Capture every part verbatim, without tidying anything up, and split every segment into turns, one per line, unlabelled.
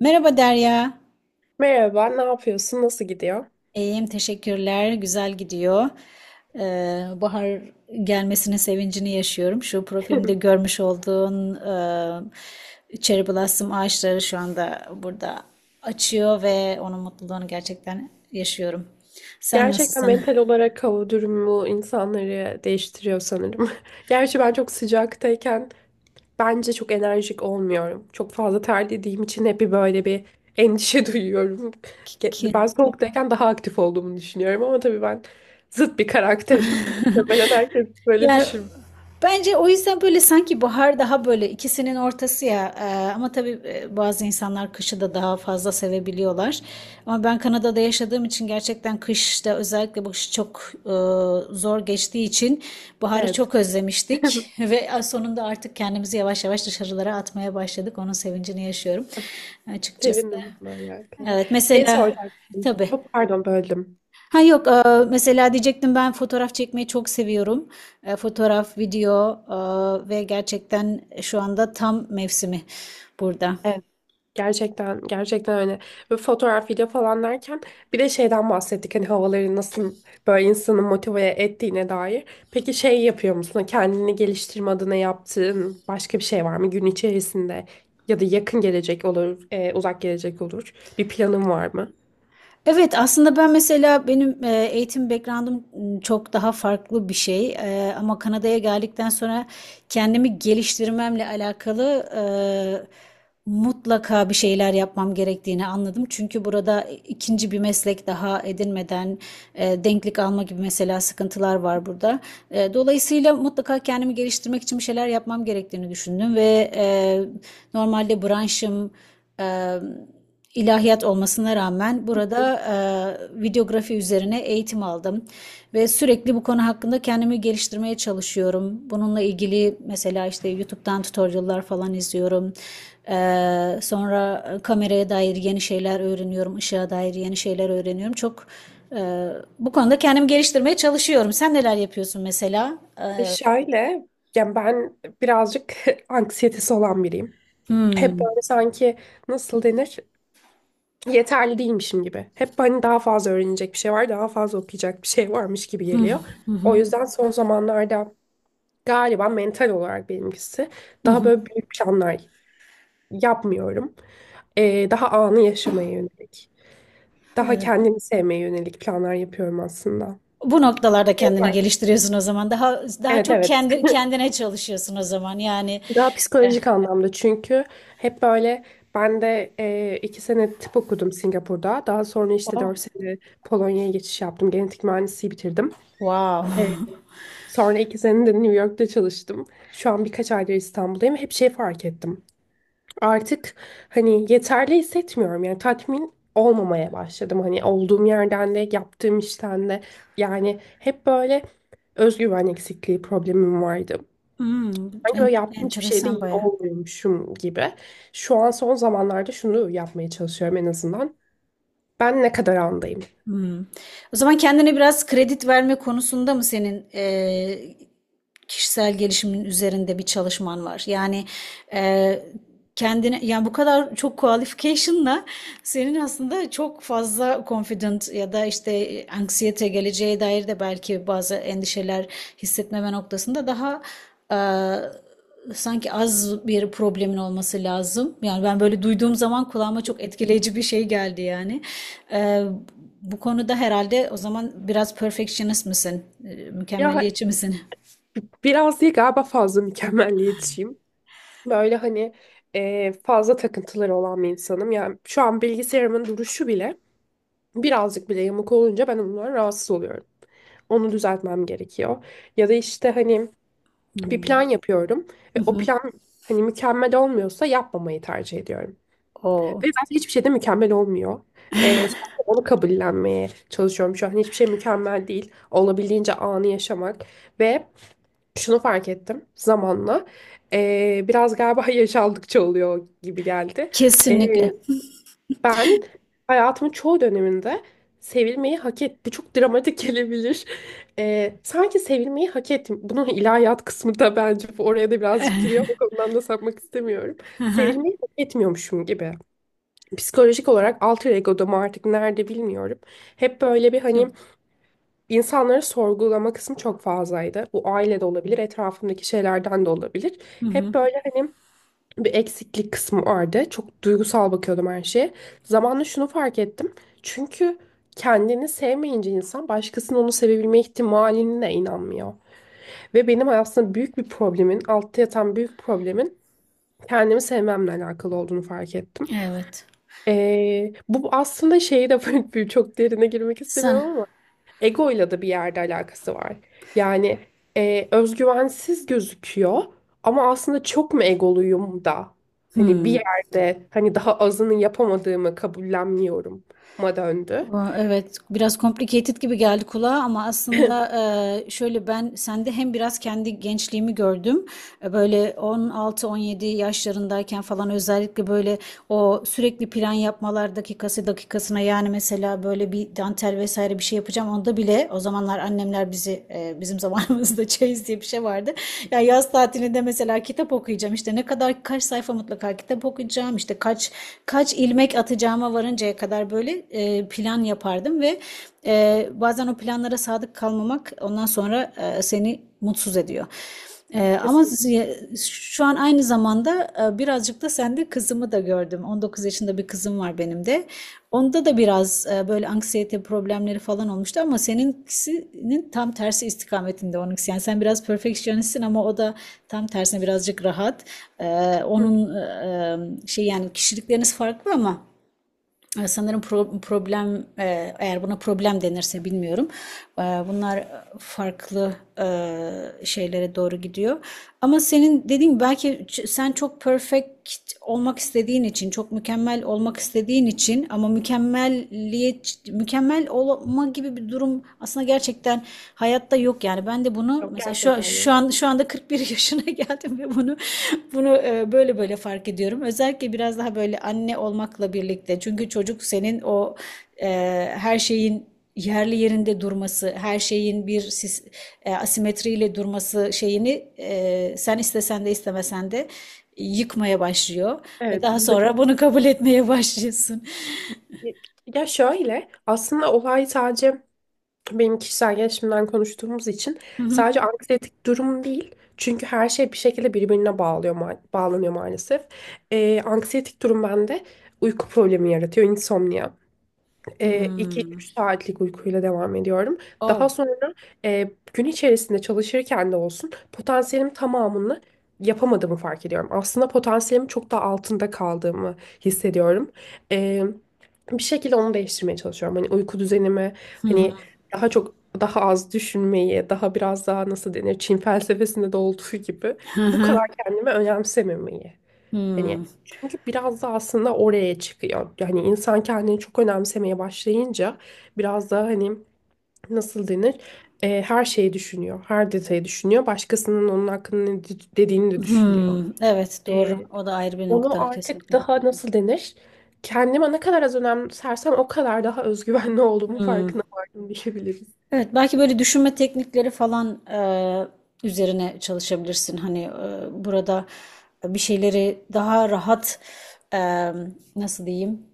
Merhaba Derya.
Merhaba, ne yapıyorsun? Nasıl gidiyor?
İyiyim, teşekkürler. Güzel gidiyor. Ee, bahar gelmesinin sevincini yaşıyorum. Şu profilimde görmüş olduğun e, cherry blossom ağaçları şu anda burada açıyor ve onun mutluluğunu gerçekten yaşıyorum. Sen
Gerçekten
nasılsın?
mental olarak hava durumu insanları değiştiriyor sanırım. Gerçi ben çok sıcaktayken bence çok enerjik olmuyorum. Çok fazla terlediğim için hep bir böyle bir endişe duyuyorum. Ben soğuktayken daha aktif olduğumu düşünüyorum ama tabii ben zıt bir karakterim. Muhtemelen herkes böyle
Yani
düşün.
bence o yüzden böyle sanki bahar daha böyle ikisinin ortası ya. Ee, ama tabii e, bazı insanlar kışı da daha fazla sevebiliyorlar. Ama ben Kanada'da yaşadığım için gerçekten kışta özellikle bu kış çok e, zor geçtiği için baharı
Evet,
çok özlemiştik. Ve sonunda artık kendimizi yavaş yavaş dışarılara atmaya başladık. Onun sevincini yaşıyorum açıkçası.
sevindim bununla alakalı.
Evet,
Şey
mesela
soracaktım.
tabii.
Bu pardon böldüm.
Ha yok, eee, mesela diyecektim, ben fotoğraf çekmeyi çok seviyorum. Eee, fotoğraf, video, eee, ve gerçekten şu anda tam mevsimi burada.
Gerçekten gerçekten öyle. Ve fotoğraf, video falan derken bir de şeyden bahsettik hani havaları nasıl böyle insanı motive ettiğine dair. Peki şey yapıyor musun? Hani kendini geliştirme adına yaptığın başka bir şey var mı gün içerisinde? Ya da yakın gelecek olur, e, uzak gelecek olur. Bir planın var mı?
Evet, aslında ben mesela benim e, eğitim background'um m, çok daha farklı bir şey. E, ama Kanada'ya geldikten sonra kendimi geliştirmemle alakalı e, mutlaka bir şeyler yapmam gerektiğini anladım. Çünkü burada e, ikinci bir meslek daha edinmeden e, denklik alma gibi mesela sıkıntılar var burada. E, dolayısıyla mutlaka kendimi geliştirmek için bir şeyler yapmam gerektiğini düşündüm ve e, normalde branşım e, ilahiyat olmasına rağmen burada e, videografi üzerine eğitim aldım ve sürekli bu konu hakkında kendimi geliştirmeye çalışıyorum. Bununla ilgili mesela işte YouTube'dan tutorial'lar falan izliyorum. E, sonra kameraya dair yeni şeyler öğreniyorum, ışığa dair yeni şeyler öğreniyorum. Çok e, bu konuda kendimi geliştirmeye çalışıyorum. Sen neler yapıyorsun mesela? E,
E şöyle, yani ben birazcık anksiyetesi olan biriyim. Hep böyle sanki nasıl denir? Yeterli değilmişim gibi. Hep hani daha fazla öğrenecek bir şey var, daha fazla okuyacak bir şey varmış gibi geliyor. O yüzden son zamanlarda galiba mental olarak benimkisi daha böyle büyük planlar yapmıyorum. Ee, daha anı yaşamaya yönelik, daha kendimi sevmeye yönelik planlar yapıyorum aslında.
bu noktalarda
Şey
kendini
fark ettim.
geliştiriyorsun o zaman. Daha daha
Evet
çok
evet.
kendi kendine çalışıyorsun o zaman. Yani.
Daha
e,
psikolojik anlamda çünkü hep böyle ben de e, iki sene tıp okudum Singapur'da. Daha sonra işte
Oh.
dört sene Polonya'ya geçiş yaptım. Genetik mühendisliği bitirdim. E,
Wow.
Sonra iki sene de New York'ta çalıştım. Şu an birkaç aydır İstanbul'dayım. Hep şey fark ettim. Artık hani yeterli hissetmiyorum. Yani tatmin olmamaya başladım. Hani olduğum yerden de yaptığım işten de. Yani hep böyle özgüven eksikliği problemim vardı.
Hmm,
Sanki böyle
en-
yaptığım hiçbir şeyde
enteresan
iyi
baya.
olmuyormuşum gibi. Şu an son zamanlarda şunu yapmaya çalışıyorum en azından. Ben ne kadar andayım?
Hmm. O zaman kendine biraz kredi verme konusunda mı senin eee, kişisel gelişimin üzerinde bir çalışman var? Yani e, kendine, yani bu kadar çok qualification'la senin aslında çok fazla confident ya da işte anksiyete, geleceğe dair de belki bazı endişeler hissetmeme noktasında daha e, sanki az bir problemin olması lazım. Yani ben böyle duyduğum zaman kulağıma çok etkileyici bir şey geldi yani. E, Bu konuda herhalde o zaman biraz perfectionist misin? E,
Ya
mükemmeliyetçi misin?
biraz değil galiba fazla mükemmelliyetçiyim. Böyle hani e, fazla takıntıları olan bir insanım. Yani şu an bilgisayarımın duruşu bile birazcık bile yamuk olunca ben ondan rahatsız oluyorum. Onu düzeltmem gerekiyor. Ya da işte hani bir
Hmm.
plan yapıyorum ve o plan hani mükemmel olmuyorsa yapmamayı tercih ediyorum.
O
Ve zaten hiçbir şey de mükemmel olmuyor. Ee, sadece onu kabullenmeye çalışıyorum şu an. Hiçbir şey mükemmel değil. Olabildiğince anı yaşamak. Ve şunu fark ettim zamanla. Ee, biraz galiba yaş aldıkça oluyor gibi geldi. Ee,
kesinlikle.
Ben hayatımın çoğu döneminde sevilmeyi hak et. Bu çok dramatik gelebilir. Ee, sanki sevilmeyi hak ettim. Bunun ilahiyat kısmı da bence bu oraya da birazcık giriyor. O konudan da sapmak istemiyorum. Sevilmeyi hak etmiyormuşum gibi. Psikolojik olarak alter ego'da mı artık nerede bilmiyorum. Hep böyle bir hani
Şimdi-
insanları sorgulama kısmı çok fazlaydı. Bu ailede olabilir, etrafımdaki şeylerden de olabilir.
Hı hı.
Hep böyle hani bir eksiklik kısmı vardı. Çok duygusal bakıyordum her şeye. Zamanla şunu fark ettim. Çünkü kendini sevmeyince insan başkasının onu sevebilme ihtimaline de inanmıyor. Ve benim aslında büyük bir problemin, altta yatan büyük problemin kendimi sevmemle alakalı olduğunu fark ettim.
Evet.
Ee, bu aslında şeyi de böyle çok derine girmek
Sen.
istemiyorum ama egoyla da bir yerde alakası var. Yani e, özgüvensiz gözüküyor ama aslında çok mu egoluyum da hani bir yerde hani daha azını yapamadığımı kabullenmiyorum ma döndü.
Aa, evet, biraz complicated gibi geldi kulağa, ama aslında e, şöyle, ben sende hem biraz kendi gençliğimi gördüm. E, Böyle on altı on yedi yaşlarındayken falan, özellikle böyle o sürekli plan yapmalar, dakikası dakikasına. Yani mesela böyle bir dantel vesaire bir şey yapacağım, onda bile o zamanlar annemler bizi e, bizim zamanımızda çeyiz diye bir şey vardı. Ya yaz tatilinde mesela kitap okuyacağım, işte ne kadar, kaç sayfa mutlaka kitap okuyacağım, işte kaç kaç ilmek atacağıma varıncaya kadar kadar böyle e, plan yapardım ve e, bazen o planlara sadık kalmamak ondan sonra e, seni mutsuz ediyor. E, ama
Kesin.
şu an aynı zamanda e, birazcık da sende kızımı da gördüm. on dokuz yaşında bir kızım var benim de. Onda da biraz e, böyle anksiyete problemleri falan olmuştu, ama seninkisinin tam tersi istikametinde onunkisi. Yani sen biraz perfectionistsin ama o da tam tersine birazcık rahat. E,
Hı,
Onun e, e, şey, yani kişilikleriniz farklı ama e, sanırım pro- problem, e, eğer buna problem denirse bilmiyorum. E, Bunlar farklı e, şeylere doğru gidiyor. Ama senin dediğin belki, sen çok perfect olmak istediğin için, çok mükemmel olmak istediğin için, ama mükemmelliyet, mükemmel olma gibi bir durum aslında gerçekten hayatta yok yani. Ben de bunu
yok
mesela şu
gerçekten
şu
yok.
an şu anda kırk bir yaşına geldim ve bunu bunu e, böyle böyle fark ediyorum. Özellikle biraz daha böyle anne olmakla birlikte. Çünkü çocuk senin o e, her şeyin yerli yerinde durması, her şeyin bir sis- e, asimetriyle durması şeyini e, sen istesen de istemesen de yıkmaya başlıyor ve
Evet.
daha sonra bunu kabul etmeye başlıyorsun.
Ya şöyle aslında olay sadece benim kişisel gelişimden konuştuğumuz için
Hı.
sadece anksiyetik durum değil. Çünkü her şey bir şekilde birbirine bağlıyor, ma- bağlanıyor maalesef. Ee, anksiyetik durum bende uyku problemi yaratıyor, insomnia e, üç
Hmm.
3 saatlik uykuyla devam ediyorum. Daha
Oh.
sonra e, gün içerisinde çalışırken de olsun potansiyelim tamamını yapamadığımı fark ediyorum. Aslında potansiyelimin çok da altında kaldığımı hissediyorum. E, Bir şekilde onu değiştirmeye çalışıyorum. Hani uyku düzenimi hani daha çok daha az düşünmeyi, daha biraz daha nasıl denir Çin felsefesinde de olduğu gibi bu kadar kendimi önemsememeyi.
Hmm.
Hani çünkü biraz da aslında oraya çıkıyor. Yani insan kendini çok önemsemeye başlayınca biraz da hani nasıl denir? E, her şeyi düşünüyor. Her detayı düşünüyor. Başkasının onun hakkında ne de- dediğini de düşünüyor.
Hmm, evet, doğru.
E,
O da ayrı bir
Onu
nokta
artık
kesinlikle.
daha nasıl denir? Kendime ne kadar az önemsersem o kadar daha özgüvenli olduğumu
Hmm,
farkına vardım diyebiliriz.
evet, belki böyle düşünme teknikleri falan, eee, üzerine çalışabilirsin. Hani, eee, burada bir şeyleri daha rahat, emm, nasıl diyeyim,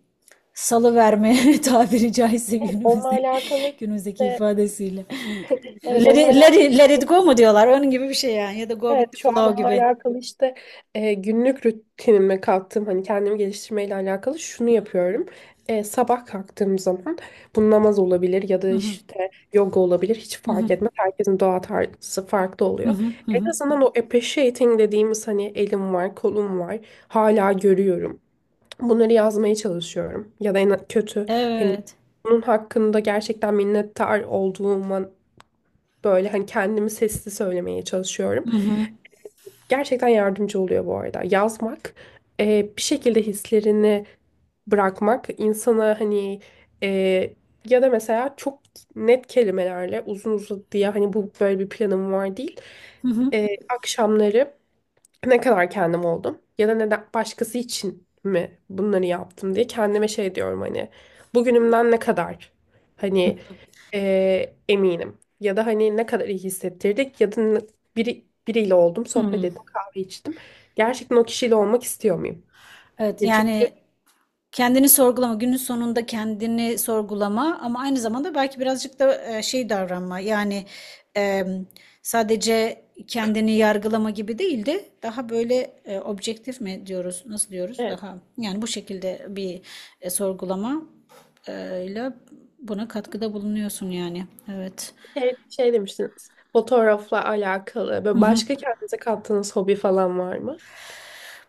salıverme tabiri caizse,
Onunla
günümüzde
alakalı
günümüzdeki
işte
ifadesiyle.
evet
Let
onunla
it let
alakalı
it let it go mu diyorlar? Onun gibi bir şey yani, ya da go
Evet
with the
şu an
flow
Onunla
gibi.
alakalı işte e, günlük rutinime kattığım hani kendimi geliştirmeyle alakalı şunu yapıyorum. E, sabah kalktığım zaman bu namaz olabilir ya da
Hı hı.
işte yoga olabilir hiç
Hı
fark
hı.
etmez. Herkesin doğa tarzı farklı
Hı
oluyor.
hı. Hı
En
hı.
azından o appreciating dediğimiz hani elim var kolum var hala görüyorum. Bunları yazmaya çalışıyorum. Ya da en kötü hani
Evet.
bunun hakkında gerçekten minnettar olduğuma böyle hani kendimi sesli söylemeye çalışıyorum.
Hı hı.
Gerçekten yardımcı oluyor bu arada. Yazmak, e, bir şekilde hislerini bırakmak insana hani e, ya da mesela çok net kelimelerle uzun uzadıya hani bu böyle bir planım var değil.
Hı hı.
E, akşamları ne kadar kendim oldum ya da neden başkası için mi bunları yaptım diye kendime şey diyorum hani bugünümden ne kadar hani eee, eminim ya da hani ne kadar iyi hissettirdik ya da ne- biri, biriyle oldum sohbet
Hımm.
ettim kahve içtim gerçekten o kişiyle olmak istiyor muyum?
Evet,
Ya çünkü
yani kendini sorgulama, günün sonunda kendini sorgulama, ama aynı zamanda belki birazcık da e, şey davranma. Yani e, sadece kendini yargılama gibi değil de daha böyle e, objektif mi diyoruz, nasıl diyoruz?
evet,
Daha yani bu şekilde bir e, sorgulama e, ile buna katkıda bulunuyorsun yani. Evet.
şey, şey demiştiniz fotoğrafla alakalı ve başka kendinize kattığınız hobi falan var mı?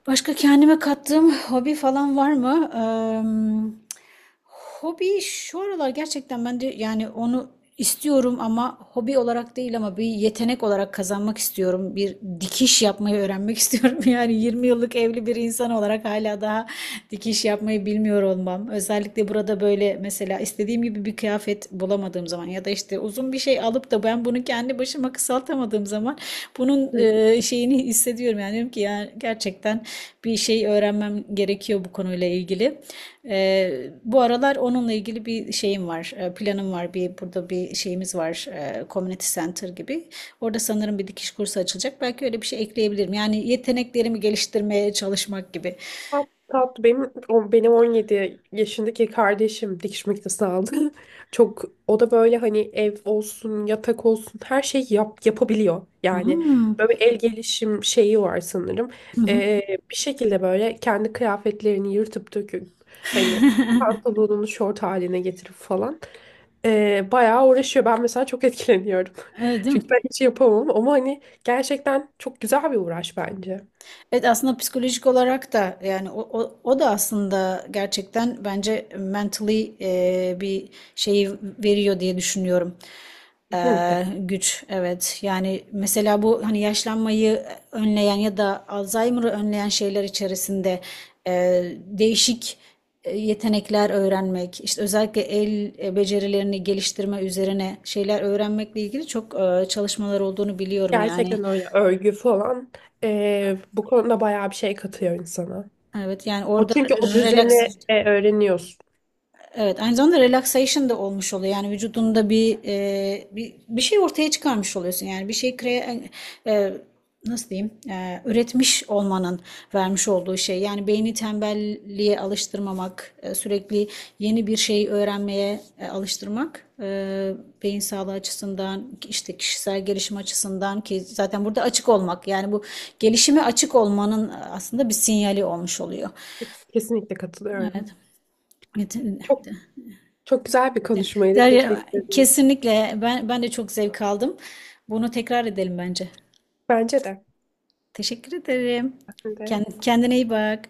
Başka kendime kattığım hobi falan var mı? Emm, hobi şu aralar gerçekten ben de yani onu istiyorum ama hobi olarak değil, ama bir yetenek olarak kazanmak istiyorum. Bir dikiş yapmayı öğrenmek istiyorum. Yani yirmi yıllık evli bir insan olarak hala daha dikiş yapmayı bilmiyor olmam. Özellikle burada böyle mesela istediğim gibi bir kıyafet bulamadığım zaman ya da işte e, uzun bir şey alıp da ben bunu kendi başıma kısaltamadığım zaman bunun e, şeyini hissediyorum. Yani diyorum ki ya gerçekten bir şey öğrenmem gerekiyor bu konuyla ilgili. E, bu aralar onunla ilgili bir şeyim var, e, planım var. Bir burada bir şeyimiz var, e, community center gibi. Orada sanırım bir dikiş kursu açılacak. Belki öyle bir şey ekleyebilirim. Yani yeteneklerimi geliştirmeye çalışmak gibi.
Tat, tat. Benim, o- benim on yedi yaşındaki kardeşim dikiş makinesi aldı. Çok o da böyle hani ev olsun, yatak olsun her şeyi yap, yapabiliyor. Yani
Hmm.
böyle el gelişim şeyi var sanırım.
Hı hı.
Ee, Bir şekilde böyle kendi kıyafetlerini yırtıp döküp hani pantolonunu şort haline getirip falan. Ee, bayağı uğraşıyor. Ben mesela çok etkileniyorum.
Evet, değil
Çünkü
mi?
ben hiç yapamam ama hani gerçekten çok güzel bir uğraş bence.
Evet, aslında psikolojik olarak da yani o, o, o da aslında gerçekten bence mentally e, bir şeyi veriyor diye düşünüyorum.
Kesinlikle.
Ee, güç, evet, yani mesela bu hani yaşlanmayı önleyen ya da Alzheimer'ı önleyen şeyler içerisinde e, değişik e, yetenekler öğrenmek, işte özellikle el e, becerilerini geliştirme üzerine şeyler öğrenmekle ilgili çok e, çalışmalar olduğunu biliyorum yani.
Gerçekten öyle örgü falan eee, bu konuda bayağı bir şey katıyor insana.
Evet yani
O
orada
çünkü o
relax.
düzeni e, öğreniyorsun.
Evet, aynı zamanda relaxation da olmuş oluyor. Yani vücudunda bir e, bir, bir şey ortaya çıkarmış oluyorsun. Yani bir şey kre, e, nasıl diyeyim? E, üretmiş olmanın vermiş olduğu şey. Yani beyni tembelliğe alıştırmamak, e, sürekli yeni bir şey öğrenmeye e, alıştırmak, e, beyin sağlığı açısından, işte kişisel gelişim açısından, ki zaten burada açık olmak. Yani bu gelişime açık olmanın e, aslında bir sinyali olmuş oluyor.
Kes- Kesinlikle katılıyorum.
Evet. Evet. Evet.
Çok çok güzel bir konuşmaydı.
Derya,
Teşekkür ederim.
kesinlikle ben ben de çok zevk aldım. Bunu tekrar edelim bence.
Bence de.
Teşekkür ederim.
Ben de.
Kend- Kendine iyi bak.